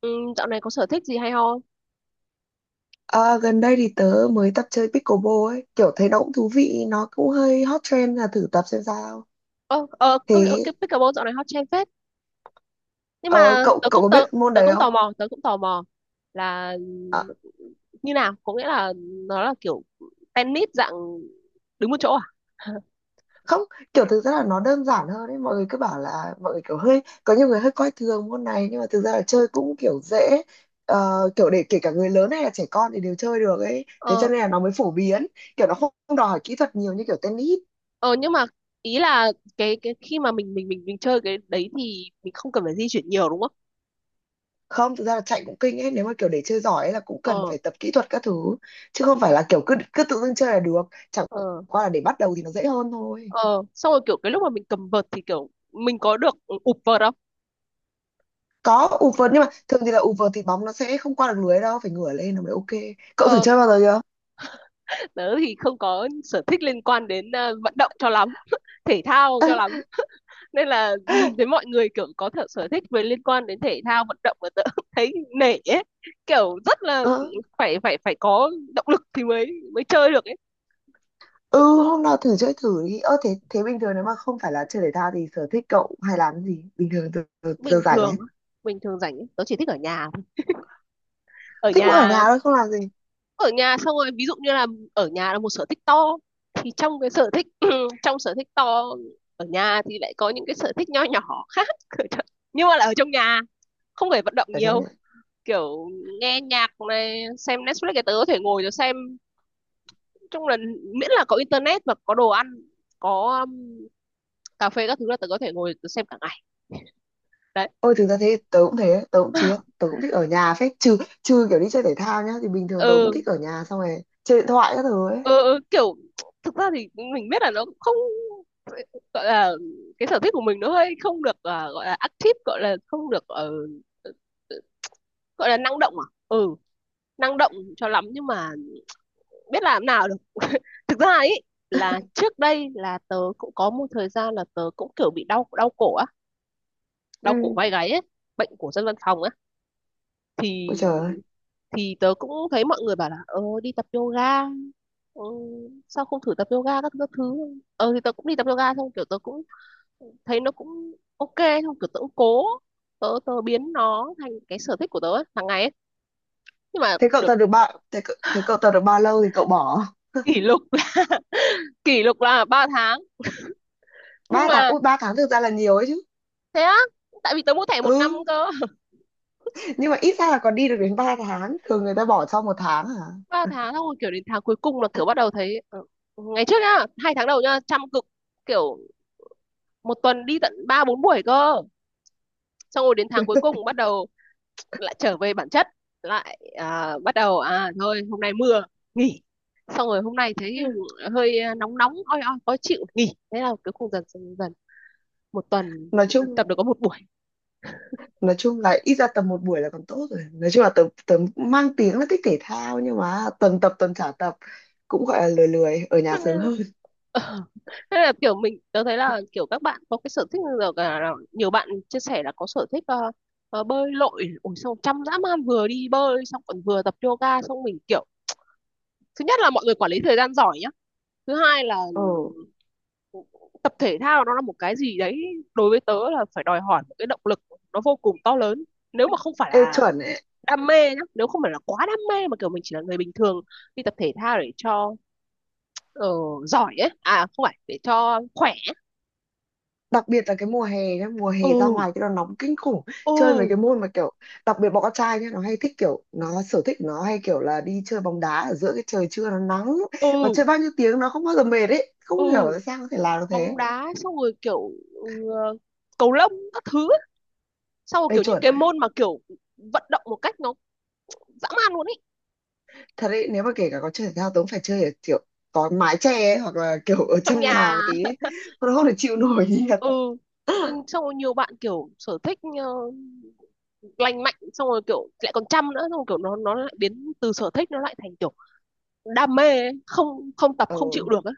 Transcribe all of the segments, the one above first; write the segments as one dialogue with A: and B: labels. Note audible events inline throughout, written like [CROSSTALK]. A: Ừ, dạo này có sở thích gì hay ho không?
B: À, gần đây thì tớ mới tập chơi pickleball ấy, kiểu thấy nó cũng thú vị, nó cũng hơi hot trend là thử tập xem sao.
A: Ờ, công nhận
B: Thế
A: cái pickleball dạo này hot trend phết. Nhưng
B: ờ,
A: mà
B: cậu cậu có biết môn
A: tớ
B: đấy
A: cũng
B: không?
A: tò mò, là
B: À,
A: như nào? Có nghĩa là nó là kiểu tennis dạng đứng một chỗ à? [LAUGHS]
B: không, kiểu thực ra là nó đơn giản hơn ấy, mọi người cứ bảo là mọi người kiểu hơi có nhiều người hơi coi thường môn này nhưng mà thực ra là chơi cũng kiểu dễ. Ờ, kiểu để kể cả người lớn hay là trẻ con thì đều chơi được ấy, thế cho
A: Ờ,
B: nên là nó mới phổ biến, kiểu nó không đòi hỏi kỹ thuật nhiều như kiểu tennis.
A: ờ nhưng mà ý là cái khi mà mình chơi cái đấy thì mình không cần phải di chuyển nhiều đúng không?
B: Không, thực ra là chạy cũng kinh ấy, nếu mà kiểu để chơi giỏi ấy là cũng cần
A: Ờ,
B: phải tập kỹ thuật các thứ, chứ không phải là kiểu cứ cứ tự dưng chơi là được, chẳng
A: ờ,
B: qua là để bắt đầu thì nó dễ hơn thôi.
A: ờ. Xong rồi kiểu cái lúc mà mình cầm vợt thì kiểu mình có được ụp vợt không?
B: Có ụp vợt, nhưng mà thường thì là ụp vợt thì bóng nó sẽ không qua được lưới đâu, phải ngửa lên nó mới ok. Cậu thử
A: Ờ.
B: chơi bao giờ chưa?
A: Tớ thì không có sở thích liên quan đến vận động cho lắm [LAUGHS] thể thao cho lắm, nên là nhìn thấy mọi người kiểu có thể sở thích về liên quan đến thể thao vận động mà tớ [LAUGHS] thấy nể ấy, kiểu rất là
B: Ờ,
A: phải phải phải có động lực thì mới mới chơi được ấy.
B: ừ, hôm nào thử chơi thử đi. Thế thế bình thường nếu mà không phải là chơi thể thao thì sở thích cậu hay làm cái gì bình thường giờ
A: bình
B: rảnh ấy?
A: thường bình thường rảnh ấy, tớ chỉ thích ở nhà thôi. Ở
B: Thích mỗi ở
A: nhà.
B: nhà thôi, không làm gì?
A: Ở nhà xong rồi ví dụ như là ở nhà là một sở thích to, thì trong cái sở thích [CLEARS THROAT] trong sở thích to ở nhà thì lại có những cái sở thích nho nhỏ khác [LAUGHS] nhưng mà là ở trong nhà, không phải vận động
B: Ở trong
A: nhiều,
B: nhà.
A: kiểu nghe nhạc này xem Netflix, cái tớ có thể ngồi rồi xem. Chung là miễn là có internet và có đồ ăn, có cà phê các thứ là tớ có thể ngồi tớ xem cả ngày đấy.
B: Ôi thực ra thế tớ cũng thế, tớ cũng chứ
A: [LAUGHS]
B: tớ cũng thích ở nhà phết, trừ trừ kiểu đi chơi thể thao nhá, thì bình thường tớ cũng
A: Ừ.
B: thích ở nhà xong rồi chơi điện thoại các thứ ấy.
A: Ờ, kiểu thực ra thì mình biết là nó cũng không gọi là cái sở thích của mình, nó hơi không được, gọi là active, gọi là không được ờ, gọi là năng động, à ừ, năng động cho lắm, nhưng mà biết làm nào được. Thực ra ấy là trước đây là tớ cũng có một thời gian là tớ cũng kiểu bị đau đau cổ á, đau cổ
B: Ừ.
A: vai gáy ấy, bệnh của dân văn phòng á,
B: Ôi
A: thì
B: trời ơi.
A: thì tớ cũng thấy mọi người bảo là đi tập yoga. Ừ, sao không thử tập yoga các, thứ các thứ. Ờ thì tớ cũng đi tập yoga xong kiểu tớ cũng thấy nó cũng ok, xong kiểu tớ cũng cố, tớ tớ biến nó thành cái sở thích của tớ ấy, hàng ngày ấy. Nhưng mà
B: Thế cậu
A: được
B: tập được thế cậu tập được bao lâu thì cậu bỏ?
A: kỷ lục [LAUGHS] là, kỷ lục là ba tháng. Nhưng
B: 3 tháng,
A: mà
B: ui 3 tháng thực ra là nhiều ấy chứ.
A: thế á, tại vì tớ mua thẻ một năm
B: Ừ,
A: cơ. [LAUGHS]
B: nhưng mà ít ra là còn đi được đến 3 tháng, thường người ta bỏ sau 1 tháng à.
A: Ba tháng xong rồi kiểu đến tháng cuối cùng là kiểu bắt đầu thấy ngày trước nhá hai tháng đầu nhá chăm cực, kiểu một tuần đi tận ba bốn buổi cơ, xong rồi đến tháng cuối cùng bắt đầu lại trở về bản chất, lại bắt đầu à thôi hôm nay mưa nghỉ, xong rồi hôm nay thấy
B: Ừ.
A: hơi nóng nóng oi oi khó chịu nghỉ, thế là cứ khung dần dần dần một tuần
B: nói chung
A: tập được có một buổi.
B: nói chung là ít ra tập một buổi là còn tốt rồi, nói chung là tớ tớ mang tiếng là thích thể thao nhưng mà tuần tập tuần trả tập, cũng gọi là lười, lười ở nhà sướng hơn.
A: [LAUGHS] Thế là kiểu mình tớ thấy là kiểu các bạn có cái sở thích giờ cả nhiều bạn chia sẻ là có sở thích bơi lội ủa xong chăm dã man vừa đi bơi xong còn vừa tập yoga, xong mình kiểu thứ nhất là mọi người quản lý thời gian giỏi nhá, thứ hai là
B: Ừ,
A: tập thể thao nó là một cái gì đấy đối với tớ là phải đòi hỏi một cái động lực, nó vô cùng to lớn. Nếu mà không phải
B: ê
A: là
B: chuẩn.
A: đam mê nhá, nếu không phải là quá đam mê mà kiểu mình chỉ là người bình thường đi tập thể thao để cho ờ, giỏi ấy, à không phải để cho khỏe.
B: Đặc biệt là cái mùa hè nhá, mùa hè ra
A: Ừ.
B: ngoài cái nó nóng kinh khủng. Chơi mấy
A: Ừ.
B: cái môn mà kiểu, đặc biệt bọn con trai nhá, nó hay thích kiểu, nó sở thích nó hay kiểu là đi chơi bóng đá ở giữa cái trời trưa nó nắng mà
A: Ừ.
B: chơi bao nhiêu tiếng nó không bao giờ mệt ấy, không hiểu
A: Ừ.
B: tại sao có thể làm được
A: Bóng
B: thế.
A: đá xong rồi kiểu ừ, cầu lông các thứ ấy. Xong rồi
B: Đây
A: kiểu những
B: chuẩn.
A: cái môn mà kiểu vận động một cách nó dã man luôn ấy.
B: Thật đấy, nếu mà kể cả có chơi thể thao tớ cũng phải chơi ở kiểu có mái che ấy, hoặc là kiểu ở
A: Trong
B: trong nhà một
A: nhà.
B: tí ấy. Nó không thể chịu nổi [LAUGHS] nhiệt.
A: Ừ nhưng xong rồi nhiều bạn kiểu sở thích lành mạnh, xong rồi kiểu lại còn chăm nữa, xong rồi kiểu nó lại biến từ sở thích nó lại thành kiểu đam mê ấy. Không, không tập không chịu
B: Ừ,
A: được á.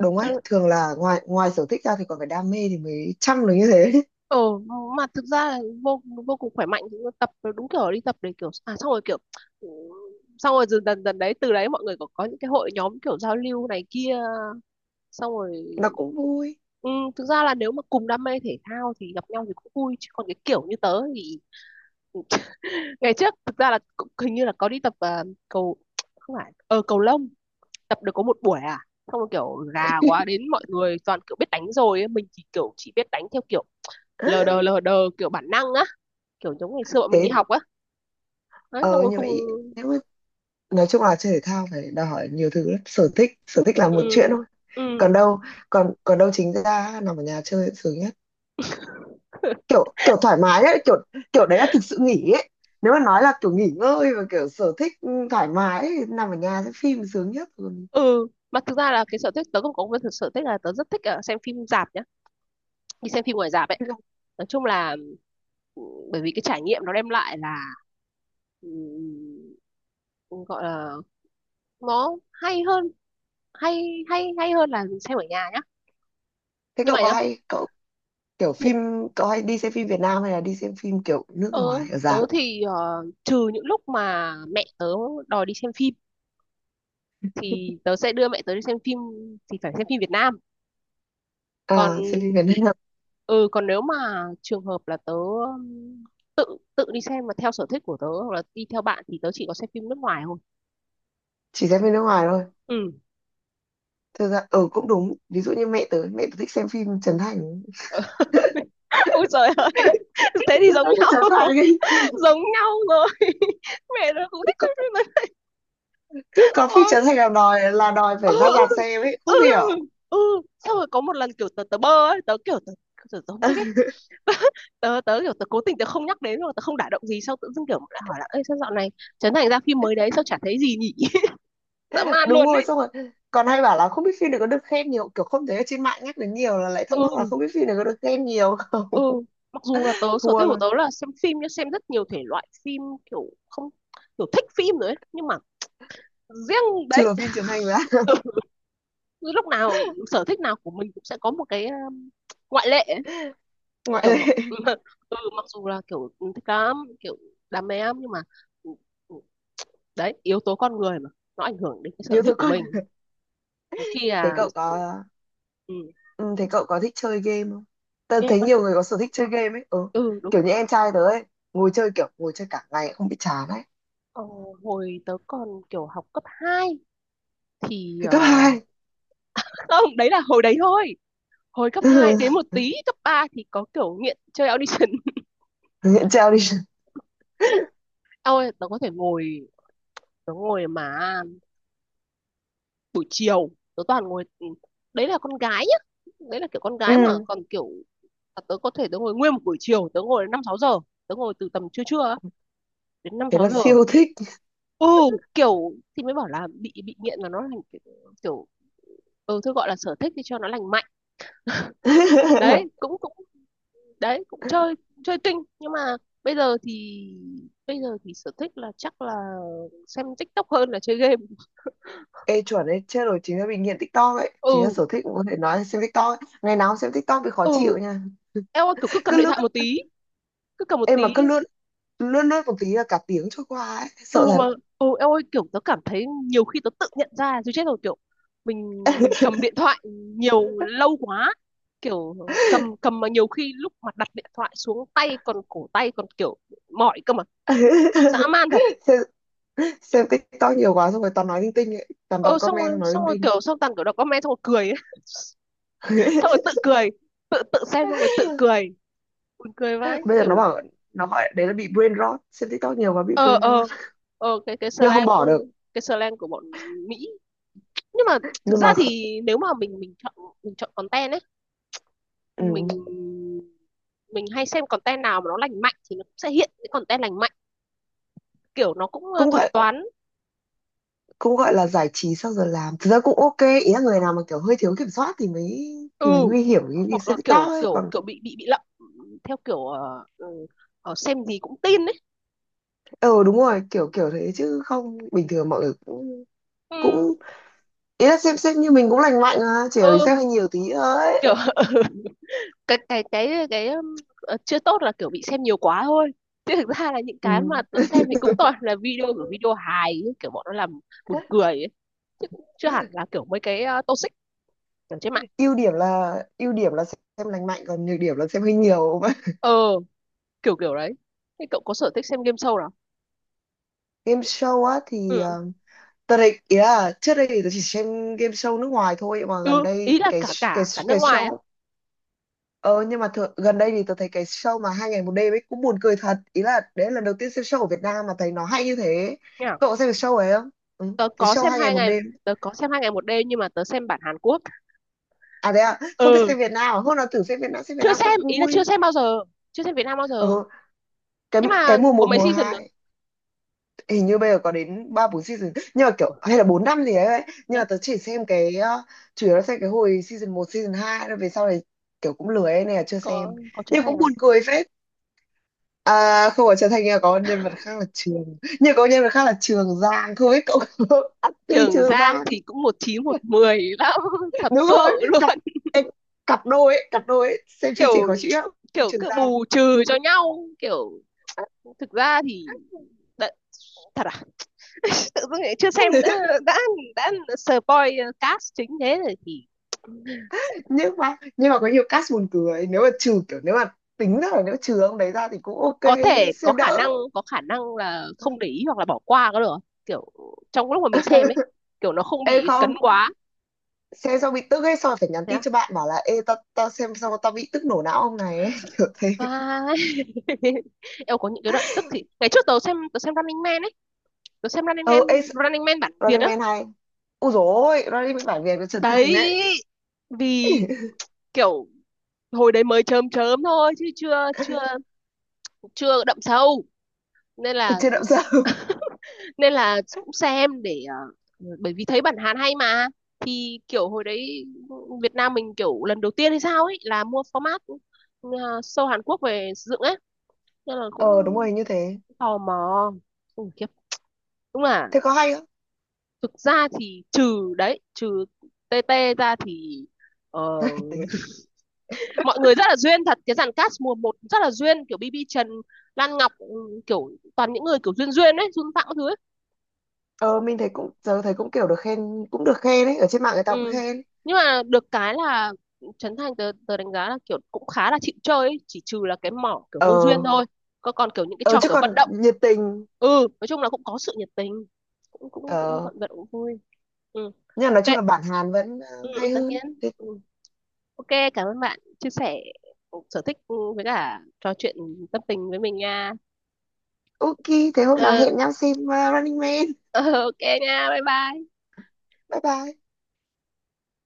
B: đúng
A: Cho
B: ấy,
A: nên
B: thường là ngoài ngoài sở thích ra thì còn phải đam mê thì mới chăm được như thế.
A: ờ, mà thực ra là vô vô cùng khỏe mạnh. Tập đúng kiểu đi tập để kiểu à xong rồi kiểu ừ, xong rồi dần dần dần đấy từ đấy mọi người có những cái hội nhóm kiểu giao lưu này kia xong rồi
B: Nó cũng vui.
A: ừ, thực ra là nếu mà cùng đam mê thể thao thì gặp nhau thì cũng vui, chứ còn cái kiểu như tớ thì ừ, ngày trước thực ra là cũng hình như là có đi tập cầu, không phải cầu lông, tập được có một buổi à, xong rồi kiểu gà quá đến mọi người toàn kiểu biết đánh rồi ấy. Mình thì kiểu chỉ biết đánh theo kiểu lờ đờ
B: [LAUGHS]
A: lờ đờ, kiểu bản năng á, kiểu giống ngày xưa bọn mình
B: Thế
A: đi học á. Đấy xong
B: ờ
A: rồi
B: như
A: không.
B: vậy nếu mà, nói chung là chơi thể thao phải đòi hỏi nhiều thứ lắm, sở thích, sở thích là một chuyện
A: Ừ.
B: thôi.
A: Ừ.
B: Còn đâu, còn còn đâu chính ra nằm ở nhà chơi sướng nhất.
A: [LAUGHS]
B: Kiểu kiểu thoải mái ấy, kiểu kiểu đấy là thực sự nghỉ ấy. Nếu mà nói là kiểu nghỉ ngơi và kiểu sở thích thoải mái ấy, nằm ở nhà xem phim sướng nhất. Còn
A: Ừ mà thực ra là cái sở thích tớ không có, một cái sở thích là tớ rất thích xem phim rạp nhá, đi xem phim ngoài rạp ấy. Nói chung là ừ, bởi vì cái trải nghiệm nó đem lại là ừ, ừ, gọi là nó hay hơn, hay hay hay hơn là xem ở nhà nhá.
B: thế
A: Nhưng
B: cậu
A: mà
B: có
A: nhá.
B: hay cậu, kiểu phim, cậu hay đi xem phim Việt Nam hay là đi xem phim kiểu nước
A: Tớ,
B: ngoài ở
A: tớ
B: rạp?
A: thì trừ những lúc mà mẹ tớ đòi đi xem phim thì tớ sẽ đưa mẹ tớ đi xem phim, thì phải xem phim Việt Nam.
B: À,
A: Còn
B: xem phim Việt Nam.
A: ừ còn nếu mà trường hợp là tớ tự, tự đi xem mà theo sở thích của tớ hoặc là đi theo bạn thì tớ chỉ có xem phim nước ngoài thôi.
B: Chỉ xem phim nước ngoài thôi.
A: Ừ.
B: Thực ra ừ cũng đúng, ví dụ như mẹ tớ, mẹ tớ thích xem phim Trấn Thành.
A: [LAUGHS] Ôi trời ơi. Thế thì
B: Cái
A: giống
B: đấy cũng
A: nhau.
B: trở thành cái,
A: [LAUGHS] Giống nhau rồi. [LAUGHS] Mẹ tớ cũng thích xem
B: cứ,
A: phim này.
B: cứ có
A: Ồ.
B: feature thành là đòi, là đòi
A: Ừ.
B: phải ra rạp
A: Ừ.
B: xem ấy,
A: Ừ.
B: không hiểu.
A: Ừ. Xong rồi có một lần kiểu tớ tớ bơ ấy, tớ không thích ấy.
B: [LAUGHS]
A: [LAUGHS] tớ tớ kiểu tớ cố tình tớ không nhắc đến, rồi tớ không đả động gì, xong tự dưng kiểu lại hỏi là ê sao dạo này Trấn Thành ra phim mới đấy sao chả thấy gì nhỉ. [LAUGHS] Dã man
B: Đúng
A: luôn
B: rồi
A: ấy.
B: xong rồi, còn hay bảo là không biết phim này có được khen nhiều, kiểu không thấy ở trên mạng nhắc đến nhiều là lại thắc mắc là
A: Ừ.
B: không biết phim này có được khen nhiều.
A: Ừ. Mặc dù là tớ
B: [LAUGHS]
A: sở
B: Thua
A: thích của
B: luôn.
A: tớ là xem phim, nhưng xem rất nhiều thể loại phim, kiểu không, kiểu thích phim rồi ấy nhưng mà riêng đấy.
B: Trừ phim truyền hình ra.
A: [LAUGHS] Cứ lúc nào sở thích nào của mình cũng sẽ có một cái ngoại lệ ấy.
B: [LAUGHS] Ngoại
A: Kiểu mặc,
B: lệ.
A: [LAUGHS] ừ, mặc dù là kiểu ừ, thích lắm kiểu đam mê lắm nhưng mà ừ, ừ, đấy yếu tố con người mà, nó ảnh hưởng đến cái sở
B: Yếu tố
A: thích của
B: con.
A: mình nhiều khi
B: Thế
A: là
B: cậu có,
A: ừ,
B: ừ, thế cậu có thích chơi game không? Tớ
A: game
B: thấy
A: á.
B: nhiều người có sở thích chơi game ấy, ừ.
A: Ừ đúng.
B: Kiểu như em trai tớ ấy, ngồi chơi kiểu ngồi chơi cả ngày không bị chán ấy.
A: ờ, hồi tớ còn kiểu học cấp 2 thì
B: Thế cấp hai.
A: [LAUGHS] không đấy là hồi đấy thôi. Hồi cấp 2 đến một tí cấp 3 thì có kiểu nghiện chơi audition.
B: [LAUGHS] Nghiện treo đi.
A: [LAUGHS] Ôi tớ có thể ngồi, tớ ngồi mà buổi chiều tớ toàn ngồi ừ, đấy là con gái nhá, đấy là kiểu con gái mà
B: Ừ,
A: còn kiểu tớ có thể tớ ngồi nguyên một buổi chiều tớ ngồi đến năm sáu giờ, tớ ngồi từ tầm trưa trưa á, đến năm
B: thế
A: sáu
B: là
A: giờ.
B: siêu thích.
A: Ừ kiểu thì mới bảo là bị nghiện mà nó thành kiểu, kiểu ừ thôi gọi là sở thích thì cho nó lành mạnh. Đấy
B: [LAUGHS]
A: cũng cũng, đấy cũng chơi, chơi kinh nhưng mà bây giờ thì, bây giờ thì sở thích là chắc là xem TikTok hơn là chơi game.
B: Ê chuẩn ấy, chết rồi, chính là bị nghiện TikTok ấy. Chính là
A: Ừ.
B: sở thích cũng có thể nói là xem TikTok ấy. Ngày nào cũng xem TikTok bị khó
A: Ừ.
B: chịu nha.
A: Eo ơi, kiểu cứ cầm
B: Cứ
A: điện
B: lướt,
A: thoại một tí, cứ cầm một
B: em
A: tí.
B: mà cứ lướt, lướt một tí là cả tiếng trôi qua ấy.
A: Ừ
B: Sợ thật.
A: mà ừ em ơi kiểu tớ cảm thấy nhiều khi tớ tự nhận ra chứ chết rồi kiểu mình mình cầm điện thoại nhiều lâu quá, kiểu cầm cầm mà nhiều khi lúc mà đặt điện thoại xuống tay còn cổ tay còn kiểu mỏi cơ mà, dã man
B: [LAUGHS]
A: thật.
B: Xem, xem TikTok nhiều quá xong rồi toàn nói linh tinh ấy. Toàn đọc
A: Ờ
B: comment xong nói
A: xong
B: linh
A: rồi
B: tinh.
A: kiểu xong toàn kiểu đọc comment xong rồi cười ấy. [LAUGHS] Xong rồi
B: [LAUGHS]
A: tự cười, tự tự xem xong rồi tự cười, buồn cười vãi
B: Bây giờ nó
A: kiểu.
B: bảo, nó gọi đấy là bị brain rot. Xem TikTok nhiều quá bị
A: ờ
B: brain rot.
A: ờ cái
B: Nhưng không
A: slang,
B: bỏ được,
A: cái slang của bọn Mỹ nhưng mà thực
B: nhưng mà
A: ra
B: kh-
A: thì nếu mà mình chọn, mình chọn content ấy,
B: ừ.
A: mình mình hay xem content nào mà nó lành mạnh thì nó cũng sẽ hiện cái content lành mạnh, kiểu nó cũng
B: Cũng
A: thuật
B: gọi
A: toán.
B: Cũng gọi là giải trí sau giờ làm thực ra cũng ok. Ý là người nào mà kiểu hơi thiếu kiểm soát thì mới,
A: Ừ
B: thì mới nguy hiểm như như
A: hoặc
B: xe
A: là
B: bị to
A: kiểu
B: ấy
A: kiểu
B: còn.
A: kiểu bị lậm theo kiểu xem gì cũng tin ấy.
B: Ờ đúng rồi, kiểu kiểu thế chứ không bình thường mọi người cũng, cũng,
A: Ừ,
B: ý là xem xét như mình cũng lành mạnh mà chỉ là mình
A: ừ
B: xem hơi nhiều tí thôi.
A: kiểu [LAUGHS] cái chưa tốt là kiểu bị xem nhiều quá thôi, chứ thực ra là những
B: Ừ.
A: cái mà tớ xem thì cũng toàn là video của video hài ấy, kiểu bọn nó làm buồn cười ấy. Chứ cũng chưa hẳn
B: [LAUGHS]
A: là kiểu mấy cái toxic ở trên mạng.
B: Ưu điểm là, ưu điểm là xem lành mạnh, còn nhược điểm là xem hơi nhiều. [LAUGHS]
A: Ờ kiểu kiểu đấy. Thế cậu có sở thích xem game show.
B: Game show á thì
A: Ừ,
B: tớ đấy, ý là trước đây thì tớ chỉ xem game show nước ngoài thôi mà gần
A: ừ.
B: đây
A: Ý là
B: cái,
A: cả
B: cái
A: cả cả nước
B: cái
A: ngoài ấy.
B: show. Ờ nhưng mà thường, gần đây thì tớ thấy cái show mà hai ngày một đêm ấy cũng buồn cười thật. Ý là đấy là lần đầu tiên xem show ở Việt Nam mà thấy nó hay như thế.
A: Nha.
B: Cậu có xem cái show ấy không? Ừ,
A: Tớ
B: cái
A: có
B: show
A: xem
B: hai ngày
A: hai
B: một
A: ngày,
B: đêm.
A: tớ có xem hai ngày một đêm nhưng mà tớ xem bản Hàn Quốc.
B: À đấy à, không thích
A: Ừ
B: xem Việt Nam à? Hôm nào thử xem Việt
A: chưa
B: Nam
A: xem,
B: cũng
A: ý là chưa
B: vui.
A: xem bao giờ, chưa xem Việt Nam bao giờ.
B: Ờ, cái
A: Nhưng mà
B: mùa
A: có
B: một
A: mấy
B: mùa
A: season rồi.
B: hai, hình như bây giờ có đến 3 4 season nhưng mà
A: Ủa,
B: kiểu hay là 4 năm gì đấy. Nhưng mà
A: nhá,
B: tớ chỉ xem cái chủ yếu là xem cái hồi season một season hai, rồi về sau này kiểu cũng lười ấy, nên là chưa xem.
A: có Trấn
B: Nhưng
A: Thành
B: cũng
A: không?
B: buồn cười phết. À, không phải Trần Thành, nhưng mà có nhân vật khác là Trường nhưng có nhân vật khác là Trường Giang, không biết cậu có. [LAUGHS] Ati
A: Trường
B: Trường
A: Giang
B: Giang.
A: thì cũng một chín một mười lắm [LAUGHS] thật
B: Đúng
A: sự
B: rồi, cặp
A: luôn.
B: cặp đôi ấy, cặp đôi ấy. Xem chương trình
A: Kiểu
B: khó chịu lắm.
A: kiểu
B: Trường
A: cứ
B: Giang.
A: bù trừ cho nhau kiểu thực ra thì đã, thật à, tự dưng lại chưa xem đã,
B: [LAUGHS]
A: đã, đã spoil cast chính thế rồi thì
B: Nhưng mà có nhiều cast buồn cười, nếu mà trừ kiểu, nếu mà tính ra là nếu trừ ông đấy ra thì cũng ok.
A: có thể có
B: Xem
A: khả
B: đỡ.
A: năng, có khả năng là không để ý hoặc là bỏ qua có được không? Kiểu trong lúc mà mình xem ấy,
B: [LAUGHS]
A: kiểu nó không
B: Ê
A: bị
B: không,
A: cấn quá.
B: xem xong bị tức ấy, xong rồi phải nhắn
A: Thế
B: tin
A: à?
B: cho bạn bảo là ê tao tao xem xong tao bị tức nổ não ông này ấy, [LAUGHS] kiểu thế.
A: Vãi. [LAUGHS] Em có những cái đoạn tức thì ngày trước tớ xem, tớ xem Running Man ấy, tớ xem Running
B: Ờ
A: Man,
B: ê.
A: Running Man bản Việt
B: Running
A: á.
B: Man hay. Úi dồi ôi, Running Man bản Việt với Trần Thành.
A: Đấy vì
B: [LAUGHS]
A: kiểu hồi đấy mới chớm chớm thôi chứ chưa chưa chưa đậm sâu, nên
B: Ở
A: là
B: trên động sao.
A: nên là cũng xem để bởi vì thấy bản Hàn hay mà, thì kiểu hồi đấy Việt Nam mình kiểu lần đầu tiên hay sao ấy là mua format ờ, show Hàn Quốc về sử dụng ấy, nên là cũng
B: Ờ đúng rồi như thế.
A: tò mò. Ui, khiếp. Đúng là
B: Thế có hay không?
A: thực ra thì trừ đấy trừ TT ra thì ờ,
B: [LAUGHS]
A: [LAUGHS] mọi người rất là duyên thật, cái dàn cast mùa một rất là duyên, kiểu BB Trần, Lan Ngọc ừ, kiểu toàn những người kiểu duyên duyên ấy, Xuân Phạm các thứ ấy.
B: Ờ mình thấy cũng, giờ thấy cũng kiểu được khen, cũng được khen ấy, ở trên mạng người ta cũng
A: Ừ.
B: khen.
A: Nhưng mà được cái là Trấn Thành tớ, tớ đánh giá là kiểu cũng khá là chịu chơi ấy. Chỉ trừ là cái mỏ kiểu vô duyên
B: Ờ
A: thôi, còn còn kiểu những cái
B: ờ
A: trò
B: chứ
A: kiểu
B: còn
A: vận động
B: nhiệt tình.
A: ừ nói chung là cũng có sự nhiệt tình, cũng cũng cũng
B: Ờ
A: vận động cũng vui. Ừ.
B: nhưng mà nói
A: Ok.
B: chung là bản Hàn vẫn
A: Ừ, ừ,
B: hay
A: tất
B: hơn
A: nhiên
B: thế.
A: ừ. Ok. Cảm ơn bạn chia sẻ sở thích ừ, với cả trò chuyện tâm tình với mình nha.
B: Ok. Thế hôm nào
A: Ừ,
B: hẹn nhau xem Running Man.
A: [LAUGHS] ok nha bye bye.
B: Bye bye.